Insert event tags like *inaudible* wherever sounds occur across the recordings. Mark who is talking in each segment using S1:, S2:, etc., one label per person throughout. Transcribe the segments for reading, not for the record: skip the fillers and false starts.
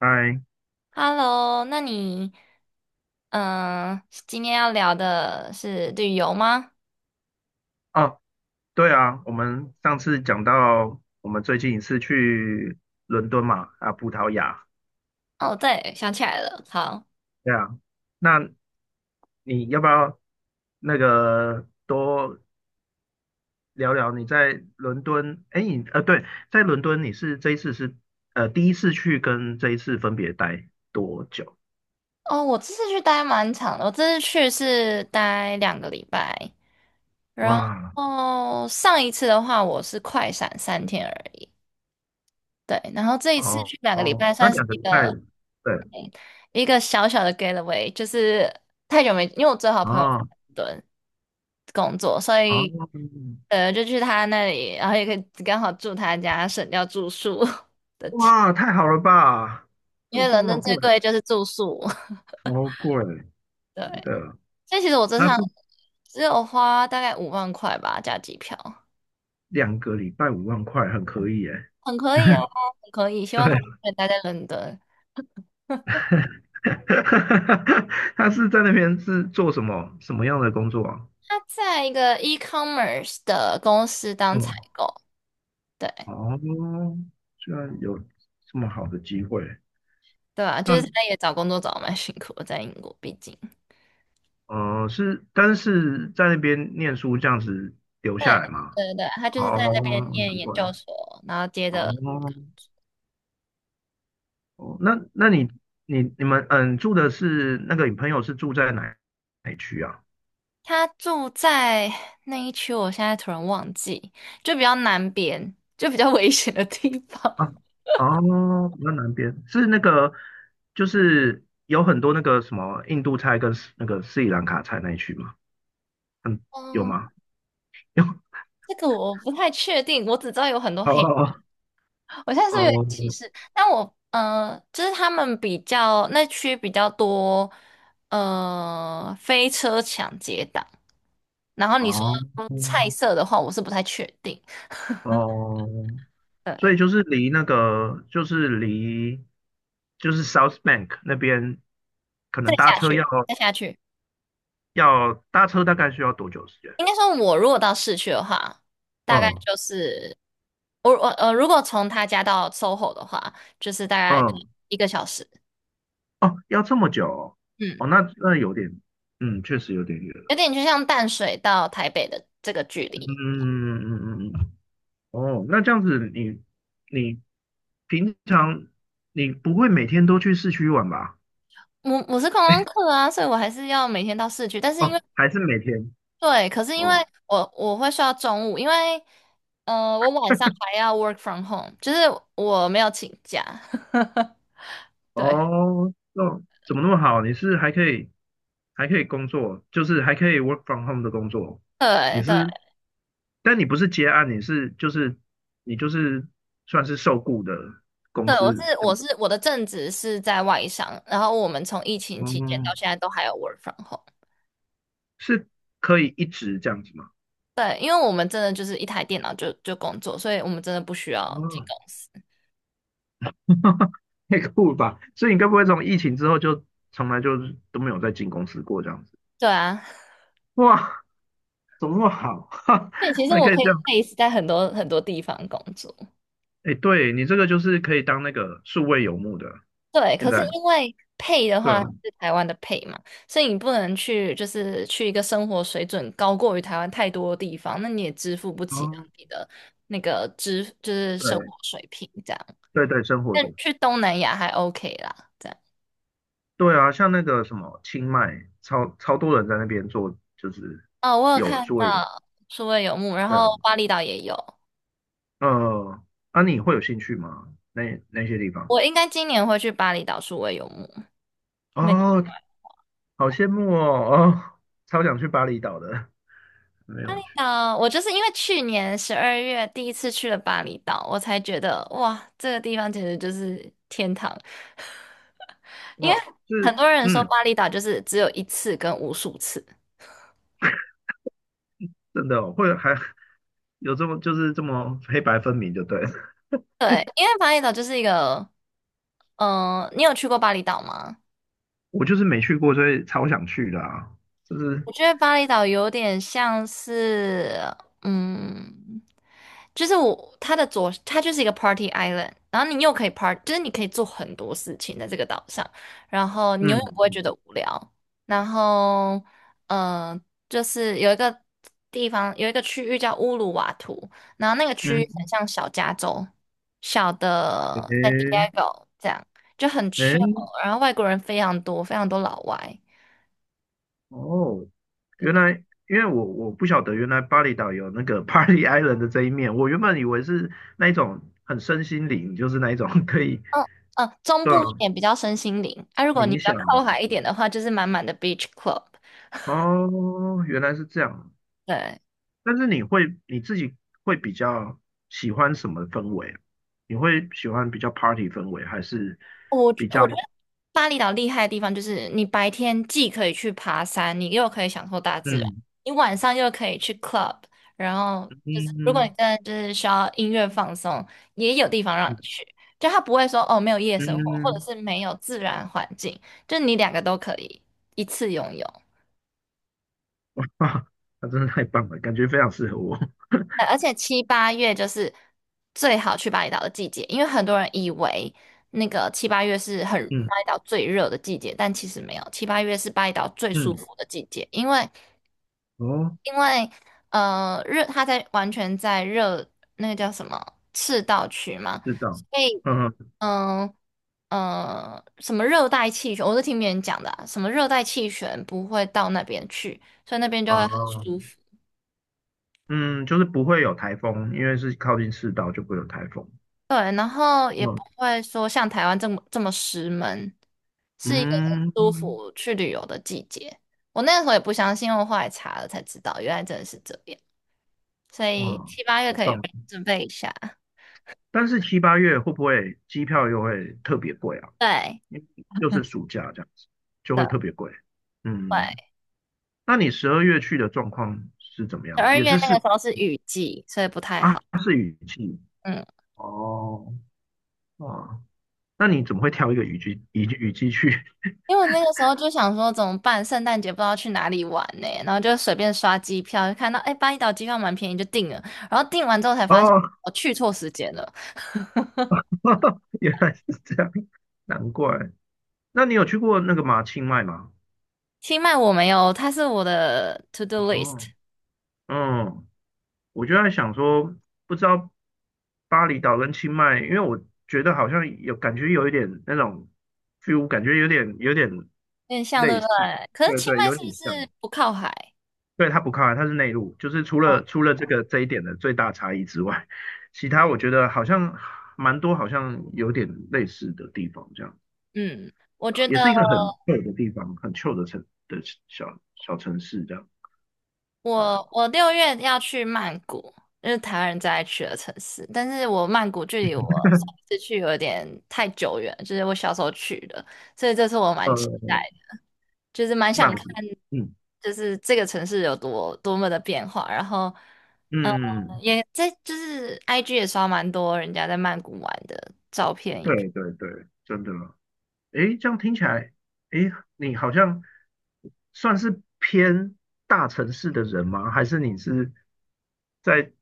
S1: 嗨，
S2: Hello，那你嗯，今天要聊的是旅游吗？
S1: 哦，对啊，我们上次讲到我们最近一次去伦敦嘛，啊，葡萄牙，
S2: 哦，对，想起来了，好。
S1: 对啊，那你要不要那个多聊聊你在伦敦？哎，你对，在伦敦你是这一次是第一次去跟这一次分别待多久？
S2: 哦，我这次去待蛮长的，我这次去是待两个礼拜，然
S1: 哇，
S2: 后上一次的话我是快闪3天而已，对，然后这一次
S1: 哦
S2: 去两个礼拜
S1: 哦，那
S2: 算是
S1: 两个
S2: 一
S1: 礼拜，
S2: 个。
S1: 对，
S2: 一个小小的 getaway，就是太久没，因为我最好朋友
S1: 哦
S2: 在伦敦工作，所
S1: 哦，
S2: 以就去他那里，然后也可以刚好住他家，省掉住宿 *laughs* 的钱，
S1: 哇，太好了吧，
S2: 因
S1: 住
S2: 为
S1: 宿
S2: 伦
S1: 那么
S2: 敦
S1: 贵，
S2: 最贵就是住宿。*laughs*
S1: 超贵。
S2: 对，
S1: 的，
S2: 所以其实我这
S1: 他是
S2: 趟只有花大概5万块吧，加机票，
S1: 两个礼拜5万块，很可以耶。
S2: 很可以啊，
S1: *laughs*
S2: 很可以。希
S1: 对，
S2: 望他可以待在伦敦，
S1: *laughs* 他是在那边是做什么样的工作啊？
S2: 他在一个 e-commerce 的公司当采
S1: 嗯，
S2: 购。对。
S1: 哦，居然有这么好的机会，
S2: 对啊，就是他
S1: 那
S2: 也找工作找的蛮辛苦的，在英国，毕竟。
S1: 是，但是在那边念书这样子留
S2: 对
S1: 下来吗？
S2: 对对对，他就是
S1: 哦，
S2: 在那边念
S1: 难
S2: 研
S1: 怪，
S2: 究所，然后接着
S1: 哦，哦，那你们住的是那个你朋友是住在哪一区啊？
S2: 他住在那一区，我现在突然忘记，就比较南边，就比较危险的地方。
S1: 啊，
S2: *laughs*
S1: 哦，比较南边是那个，就是有很多那个什么印度菜跟斯那个斯里兰卡菜那一区吗？嗯，有
S2: 嗯，
S1: 吗？有，*laughs*
S2: 这个我不太确定，我只知道有很多黑人。
S1: 哦
S2: 我现在是不是有点歧
S1: 哦
S2: 视，但我就是他们比较那区比较多，飞车抢劫党。然后
S1: 哦
S2: 你说菜
S1: 哦
S2: 色的话，我是不太确定。
S1: 哦，所以
S2: 对，
S1: 就是离那个，就是离 South Bank 那边，可
S2: 再
S1: 能搭
S2: 下
S1: 车要
S2: 去，再下去，
S1: 要搭车大概需要多久时间？
S2: 应该说，我如果到市区的话，大概
S1: 嗯
S2: 就是我我呃，如果从他家到 SOHO 的话，就是大概
S1: 嗯，
S2: 1个小时，
S1: 哦，要这么久哦，
S2: 嗯，
S1: 哦那有点，嗯，确实有点远。
S2: 有点就像淡水到台北的这个距
S1: 嗯
S2: 离。
S1: 嗯嗯嗯，嗯哦，那这样子你平常不会每天都去市区玩吧？
S2: 我是观光客啊，所以我还是要每天到市区，但是因
S1: 哦，
S2: 为
S1: 还是每天？
S2: 对，可是因为
S1: 哦
S2: 我会睡到中午，因为我晚上还要 work from home，就是我没有请假，*laughs* 对。
S1: 哦，那怎么那么好？你是还可以工作，就是还可以 work from home 的工作。你
S2: 对对，
S1: 是，但你不是接案，你算是受雇的公
S2: 对，我是
S1: 司的。
S2: 我是我的正职是在外商，然后我们从疫情期间
S1: 哦，
S2: 到现在都还有 work from home。
S1: 是可以一直这样子吗？
S2: 对，因为我们真的就是一台电脑就工作，所以我们真的不需要进
S1: 哦
S2: 公司。
S1: *laughs* 太酷了吧！所以你该不会从疫情之后就从来都没有再进公司过这样子？
S2: 对啊，
S1: 哇，怎么那么好？*laughs* 哈，
S2: 对，其实
S1: 还
S2: 我
S1: 可以
S2: 可以
S1: 这样？
S2: base 在很多很多地方工作。
S1: 哎，对你这个就是可以当那个数位游牧的，
S2: 对，
S1: 现
S2: 可是
S1: 在
S2: 因为 pay 的
S1: 对啊，
S2: 话是台湾的 pay 嘛，所以你不能去就是去一个生活水准高过于台湾太多的地方，那你也支付不起当
S1: 哦，
S2: 地的那个支就是生活
S1: 对
S2: 水平这样。
S1: 对对，生活
S2: 但
S1: 的
S2: 去东南亚还 OK 啦，这样。
S1: 对啊，像那个什么清迈，超超多人在那边做，就是
S2: 哦，我有
S1: 有
S2: 看
S1: 数位游，
S2: 到数位游牧，然
S1: 对啊，
S2: 后巴厘岛也有。
S1: 呃，啊，你会有兴趣吗？那那些地方？
S2: 我应该今年会去巴厘岛数位游牧。没想
S1: 哦，好羡慕哦，哦，超想去巴厘岛的，*laughs* 没有去。
S2: 到我就是因为去年十二月第一次去了巴厘岛，我才觉得哇，这个地方简直就是天堂。*laughs* 因为
S1: 哦，
S2: 很
S1: 是，
S2: 多人说
S1: 嗯，
S2: 巴厘岛就是只有一次跟无数次，
S1: 真的哦会还有这么黑白分明，就对了 *laughs*
S2: 对，因为巴厘岛就是一个，你有去过巴厘岛吗？
S1: 我就是没去过，所以超想去的啊，就是，
S2: 我觉得巴厘岛有点像是，嗯，就是我它的左，它就是一个 party island，然后你又可以 part，就是你可以做很多事情在这个岛上，然后你
S1: 嗯
S2: 永远不会觉得无聊。然后，嗯、呃就是有一个地方，有一个区域叫乌鲁瓦图，然后那个区域很
S1: 嗯，
S2: 像小加州，小
S1: 诶
S2: 的在 Diego 这样，就很
S1: 诶，
S2: chill，然后外国人非常多，非常多老外。
S1: 哦，原来因为我不晓得原来巴厘岛有那个 *laughs* Party Island 的这一面，我原本以为是那一种很身心灵，就是那一种可以，
S2: 嗯嗯，中
S1: 对
S2: 部一
S1: 啊，
S2: 点比较身心灵，啊，如果你
S1: 冥
S2: 比较
S1: 想的。
S2: 靠海一点的话，就是满满的 beach club。
S1: 哦，原来是这样，
S2: 对，
S1: 但是你自己会比较喜欢什么氛围？你会喜欢比较 party 氛围，还是
S2: 我觉
S1: 比较
S2: 我觉得巴厘岛厉害的地方就是你白天既可以去爬山，你又可以享受大自然，
S1: 嗯
S2: 你晚上又可以去 club，然后就是如果你
S1: 嗯
S2: 真的就是需要音乐放松，也有地方让你
S1: 嗯
S2: 去，就他不会说哦没有夜生活，或者
S1: 嗯
S2: 是没有自然环境，就你两个都可以一次拥有。
S1: 啊？那真的太棒了，感觉非常适合我。*laughs*
S2: 而且七八月就是最好去巴厘岛的季节，因为很多人以为那个七八月是很
S1: 嗯
S2: 巴厘岛最热的季节，但其实没有，七八月是巴厘岛最舒
S1: 嗯，
S2: 服的季节，因为
S1: 哦，
S2: 因为呃热，它在完全在热那个叫什么赤道区嘛，
S1: 知道。
S2: 所以
S1: 嗯
S2: 嗯。什么热带气旋，我是听别人讲的啊什么热带气旋不会到那边去，所以那边就
S1: 啊
S2: 会很舒服。
S1: 嗯，就是不会有台风，因为是靠近赤道就不会有台风。
S2: 对，然后也不
S1: 嗯
S2: 会说像台湾这么这么湿闷，是一个很舒
S1: 嗯，
S2: 服去旅游的季节。我那个时候也不相信，我后来查了才知道，原来真的是这样。所
S1: 哇，
S2: 以七八月
S1: 好
S2: 可以
S1: 棒！
S2: 准备一下。
S1: 但是七八月会不会机票又会特别贵啊？
S2: 对
S1: 因为又是暑假这样子，就会
S2: 的，
S1: 特别贵。嗯，
S2: 对，
S1: 那你12月去的状况是怎么
S2: 十
S1: 样？
S2: 二
S1: 也
S2: 月
S1: 是
S2: 那个
S1: 是
S2: 时候是雨季，所以不太
S1: 啊，
S2: 好。
S1: 是雨季
S2: 嗯，
S1: 哦哦，那你怎么会挑一个雨季去？*laughs*
S2: 因为我那个时候就想说怎么办，圣诞节不知道去哪里玩呢、然后就随便刷机票，就看到哎巴厘岛机票蛮便宜就订了，然后订完之后才发现
S1: 哦，
S2: 我去错时间了。
S1: *laughs* 原来是这样，难怪。那你有去过那个清迈吗？
S2: 清迈我没有，它是我的 to do list，
S1: 哦，嗯，我就在想说，不知道巴厘岛跟清迈，因为我觉得好像有感觉有一点那种 feel，感觉有点
S2: 有点像对
S1: 类
S2: 不
S1: 似，
S2: 对？可是
S1: 对
S2: 清
S1: 对，
S2: 迈
S1: 有
S2: 是不
S1: 点像。
S2: 是不靠海？
S1: 对，它不靠海，它是内陆，就是除了这个这一点的最大差异之外，其他我觉得好像蛮多，好像有点类似的地方，这样子
S2: 嗯，我
S1: 啊，
S2: 觉
S1: 也
S2: 得
S1: 是一个很旧的地方，很旧的城的小小城市这样，对啊，
S2: 我6月要去曼谷，就是台湾人最爱去的城市，但是我曼谷距离我上一次去有点太久远，就是我小时候去的，所以这次我蛮期
S1: 呃，
S2: 待的，就是蛮
S1: 曼
S2: 想看，
S1: 谷，嗯
S2: 就是这个城市有多么的变化，然后。
S1: 嗯，
S2: 嗯，
S1: 嗯嗯嗯
S2: 也在就是 IG 也刷蛮多人家在曼谷玩的照片。
S1: 对对对，真的。诶，这样听起来，诶，你好像算是偏大城市的人吗？还是你是在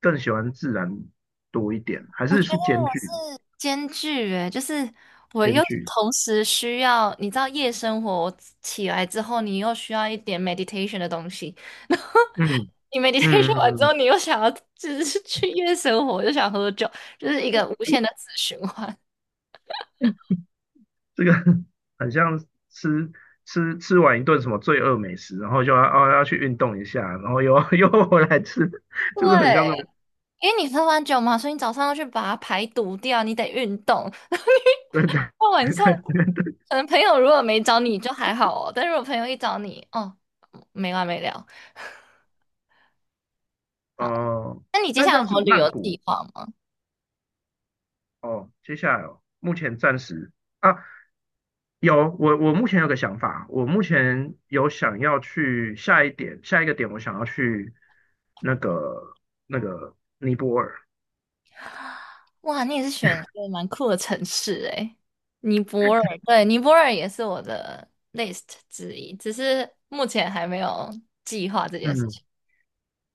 S1: 更喜欢自然多一点？还是兼具
S2: 兼具诶，就是我
S1: 兼
S2: 又
S1: 具？
S2: 同时需要，你知道夜生活，起来之后，你又需要一点 meditation 的东西，*laughs* 然
S1: 嗯
S2: 你
S1: 嗯
S2: meditation 完
S1: 嗯，
S2: 之后，
S1: 嗯
S2: 你又想要就是 *laughs* 去夜生活，又想喝酒，就是一个无限的死循环。
S1: 这个 *laughs* 很像吃吃完一顿什么罪恶美食，然后就要去运动一下，然后又 *laughs* 又回来吃，
S2: *laughs*
S1: 就是很像那
S2: 对，
S1: 种
S2: 因为你喝完酒嘛，所以你早上要去把它排毒掉，你得运动。*laughs*
S1: *laughs* 对
S2: 到晚上，
S1: 对对
S2: 可能朋友如果没找你就还好哦，但如果朋友一找你，哦，没完没了。好，
S1: 哦。
S2: 那你接
S1: 但
S2: 下
S1: 这
S2: 来有
S1: 样
S2: 什
S1: 子，
S2: 么旅
S1: 曼
S2: 游
S1: 谷
S2: 计划吗？
S1: 哦，接下来哦，目前暂时啊，我目前有个想法，我目前有想要去下一个点，我想要去那个那个尼泊尔，
S2: 哇，你也是选一个蛮酷的城市诶，尼泊尔，对，尼泊尔也是我的 list 之一，只是目前还没有计划这件事
S1: 嗯
S2: 情。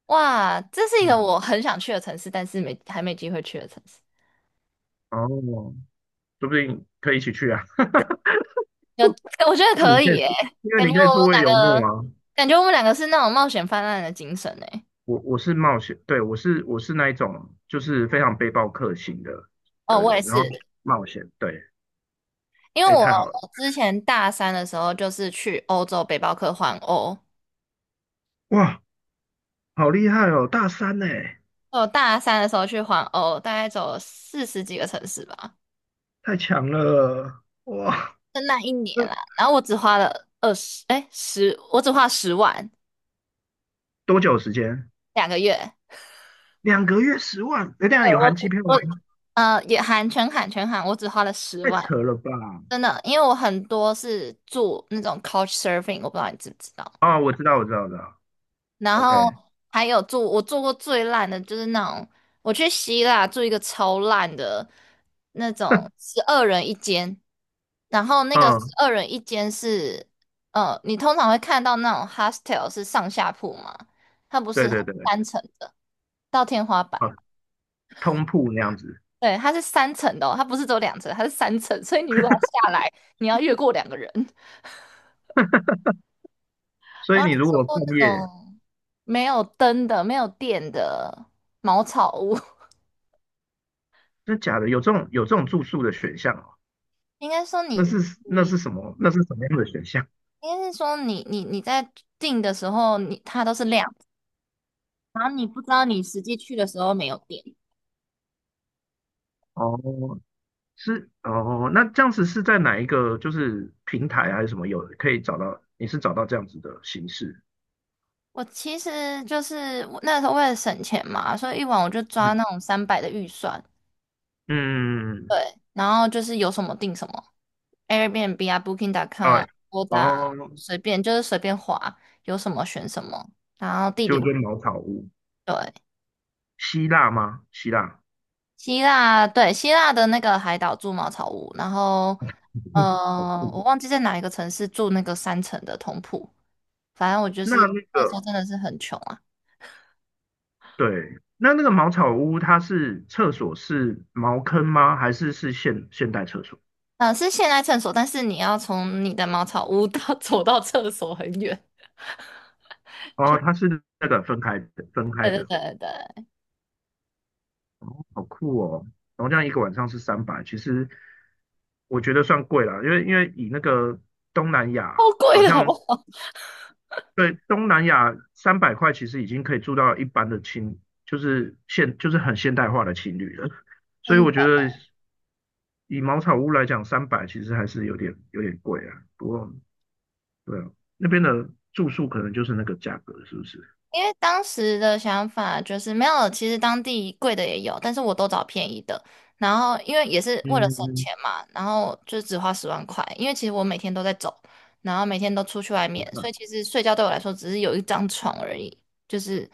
S2: 哇，这是一个
S1: 嗯，
S2: 我很想去的城市，但是没还没机会去的城市。
S1: 哦，说不定可以一起去啊，*laughs*
S2: 有，*laughs* 我觉得
S1: 你
S2: 可
S1: 可以，
S2: 以诶，
S1: 因为
S2: 感
S1: 你
S2: 觉
S1: 可以
S2: 我
S1: 数
S2: 们
S1: 位
S2: 两
S1: 游牧
S2: 个，
S1: 啊，
S2: 感觉我们两个是那种冒险泛滥的精神诶。
S1: 我是冒险，对我是那一种就是非常背包客型的
S2: 哦，
S1: 的
S2: 我也
S1: 人，然后
S2: 是，
S1: 冒险，对，
S2: 因为
S1: 哎，
S2: 我
S1: 太好了，
S2: 我之前大三的时候就是去欧洲背包客环欧，
S1: 哇，好厉害哦，大三呢。
S2: 我大三的时候去环欧，大概走了40几个城市吧，
S1: 太强了，哇！
S2: 就那一年
S1: 这
S2: 啦。然后我只花了二十，哎，十，我只花十万，
S1: 多久时间？
S2: 2个月。
S1: 2个月10万？哎，这样
S2: 对，
S1: 有
S2: 我
S1: 含机
S2: 只
S1: 票
S2: 我
S1: 吗？
S2: 呃也含全含全含，我只花了十
S1: 太
S2: 万，
S1: 扯了吧！
S2: 真的，因为我很多是住那种 couch surfing，我不知道你知不知道。
S1: 哦，我知道，我知道，我知道。
S2: 然后
S1: OK，
S2: 还有住，我住过最烂的就是那种，我去希腊住一个超烂的那种十二人一间，然后那个十
S1: 嗯，
S2: 二人一间是，你通常会看到那种 hostel 是上下铺嘛，它不是，
S1: 对
S2: 它是
S1: 对对对，
S2: 三层的，到天花板。
S1: 啊，通铺那样子。
S2: 对，它是三层的哦，它不是只有2层，它是三层，所以你如果要下来，你要越过2个人。
S1: 所以
S2: 然后还
S1: 你如
S2: 住
S1: 果半
S2: 过那
S1: 夜，
S2: 种没有灯的、没有电的茅草屋。
S1: 那假的有这种住宿的选项哦？
S2: 应该说
S1: 那
S2: 你
S1: 是
S2: *laughs*
S1: 那是
S2: 你
S1: 什么？那是什么样的选项？
S2: 应该是说你在订的时候你它都是亮的然后你不知道你实际去的时候没有电。
S1: 哦，是哦，那这样子是在哪一个就是平台还是什么有可以找到？你是找到这样子的形式？
S2: 我其实就是我那时候为了省钱嘛，所以一晚我就抓
S1: 嗯
S2: 那种300的预算，
S1: 嗯，
S2: 对，然后就是有什么订什么，Airbnb 啊，Booking.com 啊
S1: 哎，
S2: a 打
S1: 哦，
S2: 随便就是随便划，有什么选什么，然后地理
S1: 就
S2: 位
S1: 跟茅草屋。
S2: 对，
S1: 希腊吗？希腊，
S2: 希腊，对，希腊的那个海岛住茅草屋，然后，
S1: *laughs* 好酷。
S2: 我忘记在哪一个城市住那个三层的通铺，反正我就
S1: 那
S2: 是
S1: 那
S2: 那时候
S1: 个
S2: 真的是很穷啊，
S1: 对，那个茅草屋，它是厕所是茅坑吗？还是现代厕所？
S2: 嗯、是现代厕所，但是你要从你的茅草屋到 *laughs* 走到厕所很远，
S1: 哦，它是那个分开的，分
S2: *laughs*
S1: 开
S2: 对对
S1: 的，
S2: 对对，
S1: 好酷哦。然后这样一个晚上是三百，其实我觉得算贵了，因为以那个东南
S2: 好
S1: 亚，好
S2: 贵的好不
S1: 像
S2: 好？
S1: 对，东南亚300块其实已经可以住到一般的青，就是很现代化的青旅了。所以我觉
S2: *laughs*
S1: 得以茅草屋来讲，三百其实还是有点贵啊。不过对啊，那边的住宿可能就是那个价格，是不是？
S2: 因为当时的想法就是没有，其实当地贵的也有，但是我都找便宜的。然后因为也是为了省
S1: 嗯，
S2: 钱嘛，然后就只花10万块。因为其实我每天都在走，然后每天都出去外
S1: 你
S2: 面，所
S1: 看，
S2: 以其实睡觉对我来说只是有一张床而已。就是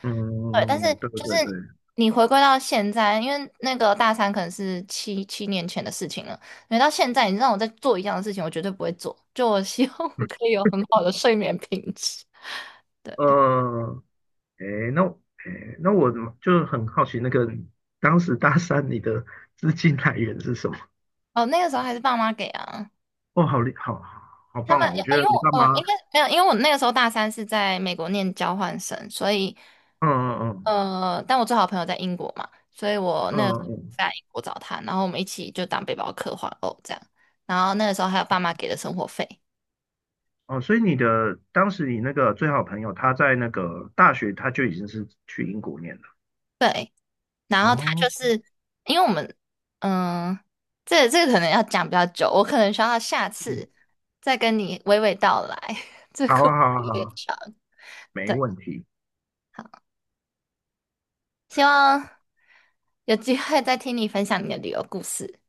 S2: 对，但是
S1: 嗯，对
S2: 就
S1: 对对，
S2: 是你回归到现在，因为那个大三可能是七年前的事情了，回到现在你让我再做一样的事情，我绝对不会做。就我希望我可以有很好的睡眠品质。*laughs* 对。
S1: 呃，诶，那诶，那我就很好奇，那个当时大三你的资金来源是什么？
S2: 哦，那个时候还是爸妈给啊。
S1: 哦，好厉，好好
S2: 他
S1: 棒
S2: 们
S1: 哦！我觉得
S2: 因为
S1: 你爸
S2: 我
S1: 妈
S2: 应该没有，因为我那个时候大三是在美国念交换生，所以
S1: 嗯嗯
S2: 但我最好的朋友在英国嘛，所以我
S1: 嗯
S2: 那个时
S1: 嗯
S2: 候
S1: 嗯
S2: 在英国找他，然后我们一起就当背包客环欧这样。然后那个时候还有爸妈给的生活费，
S1: 哦，所以当时你那个最好朋友，他在那个大学他就已经是去英国念了。
S2: 对。然后他
S1: 哦，
S2: 就是因为我们，嗯、这个可能要讲比较久，我可能需要下
S1: 嗯，
S2: 次再跟你娓娓道来，*laughs* 这个
S1: 好
S2: 故事
S1: 啊，好啊，
S2: 有
S1: 好
S2: 点
S1: 啊，
S2: 长。
S1: 没
S2: 对。
S1: 问题，
S2: 希望有机会再听你分享你的旅游故事。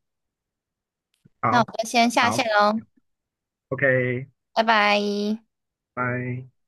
S2: 那我
S1: 好，
S2: 就先下线
S1: 好
S2: 喽，
S1: ，OK，
S2: 拜拜。
S1: 拜。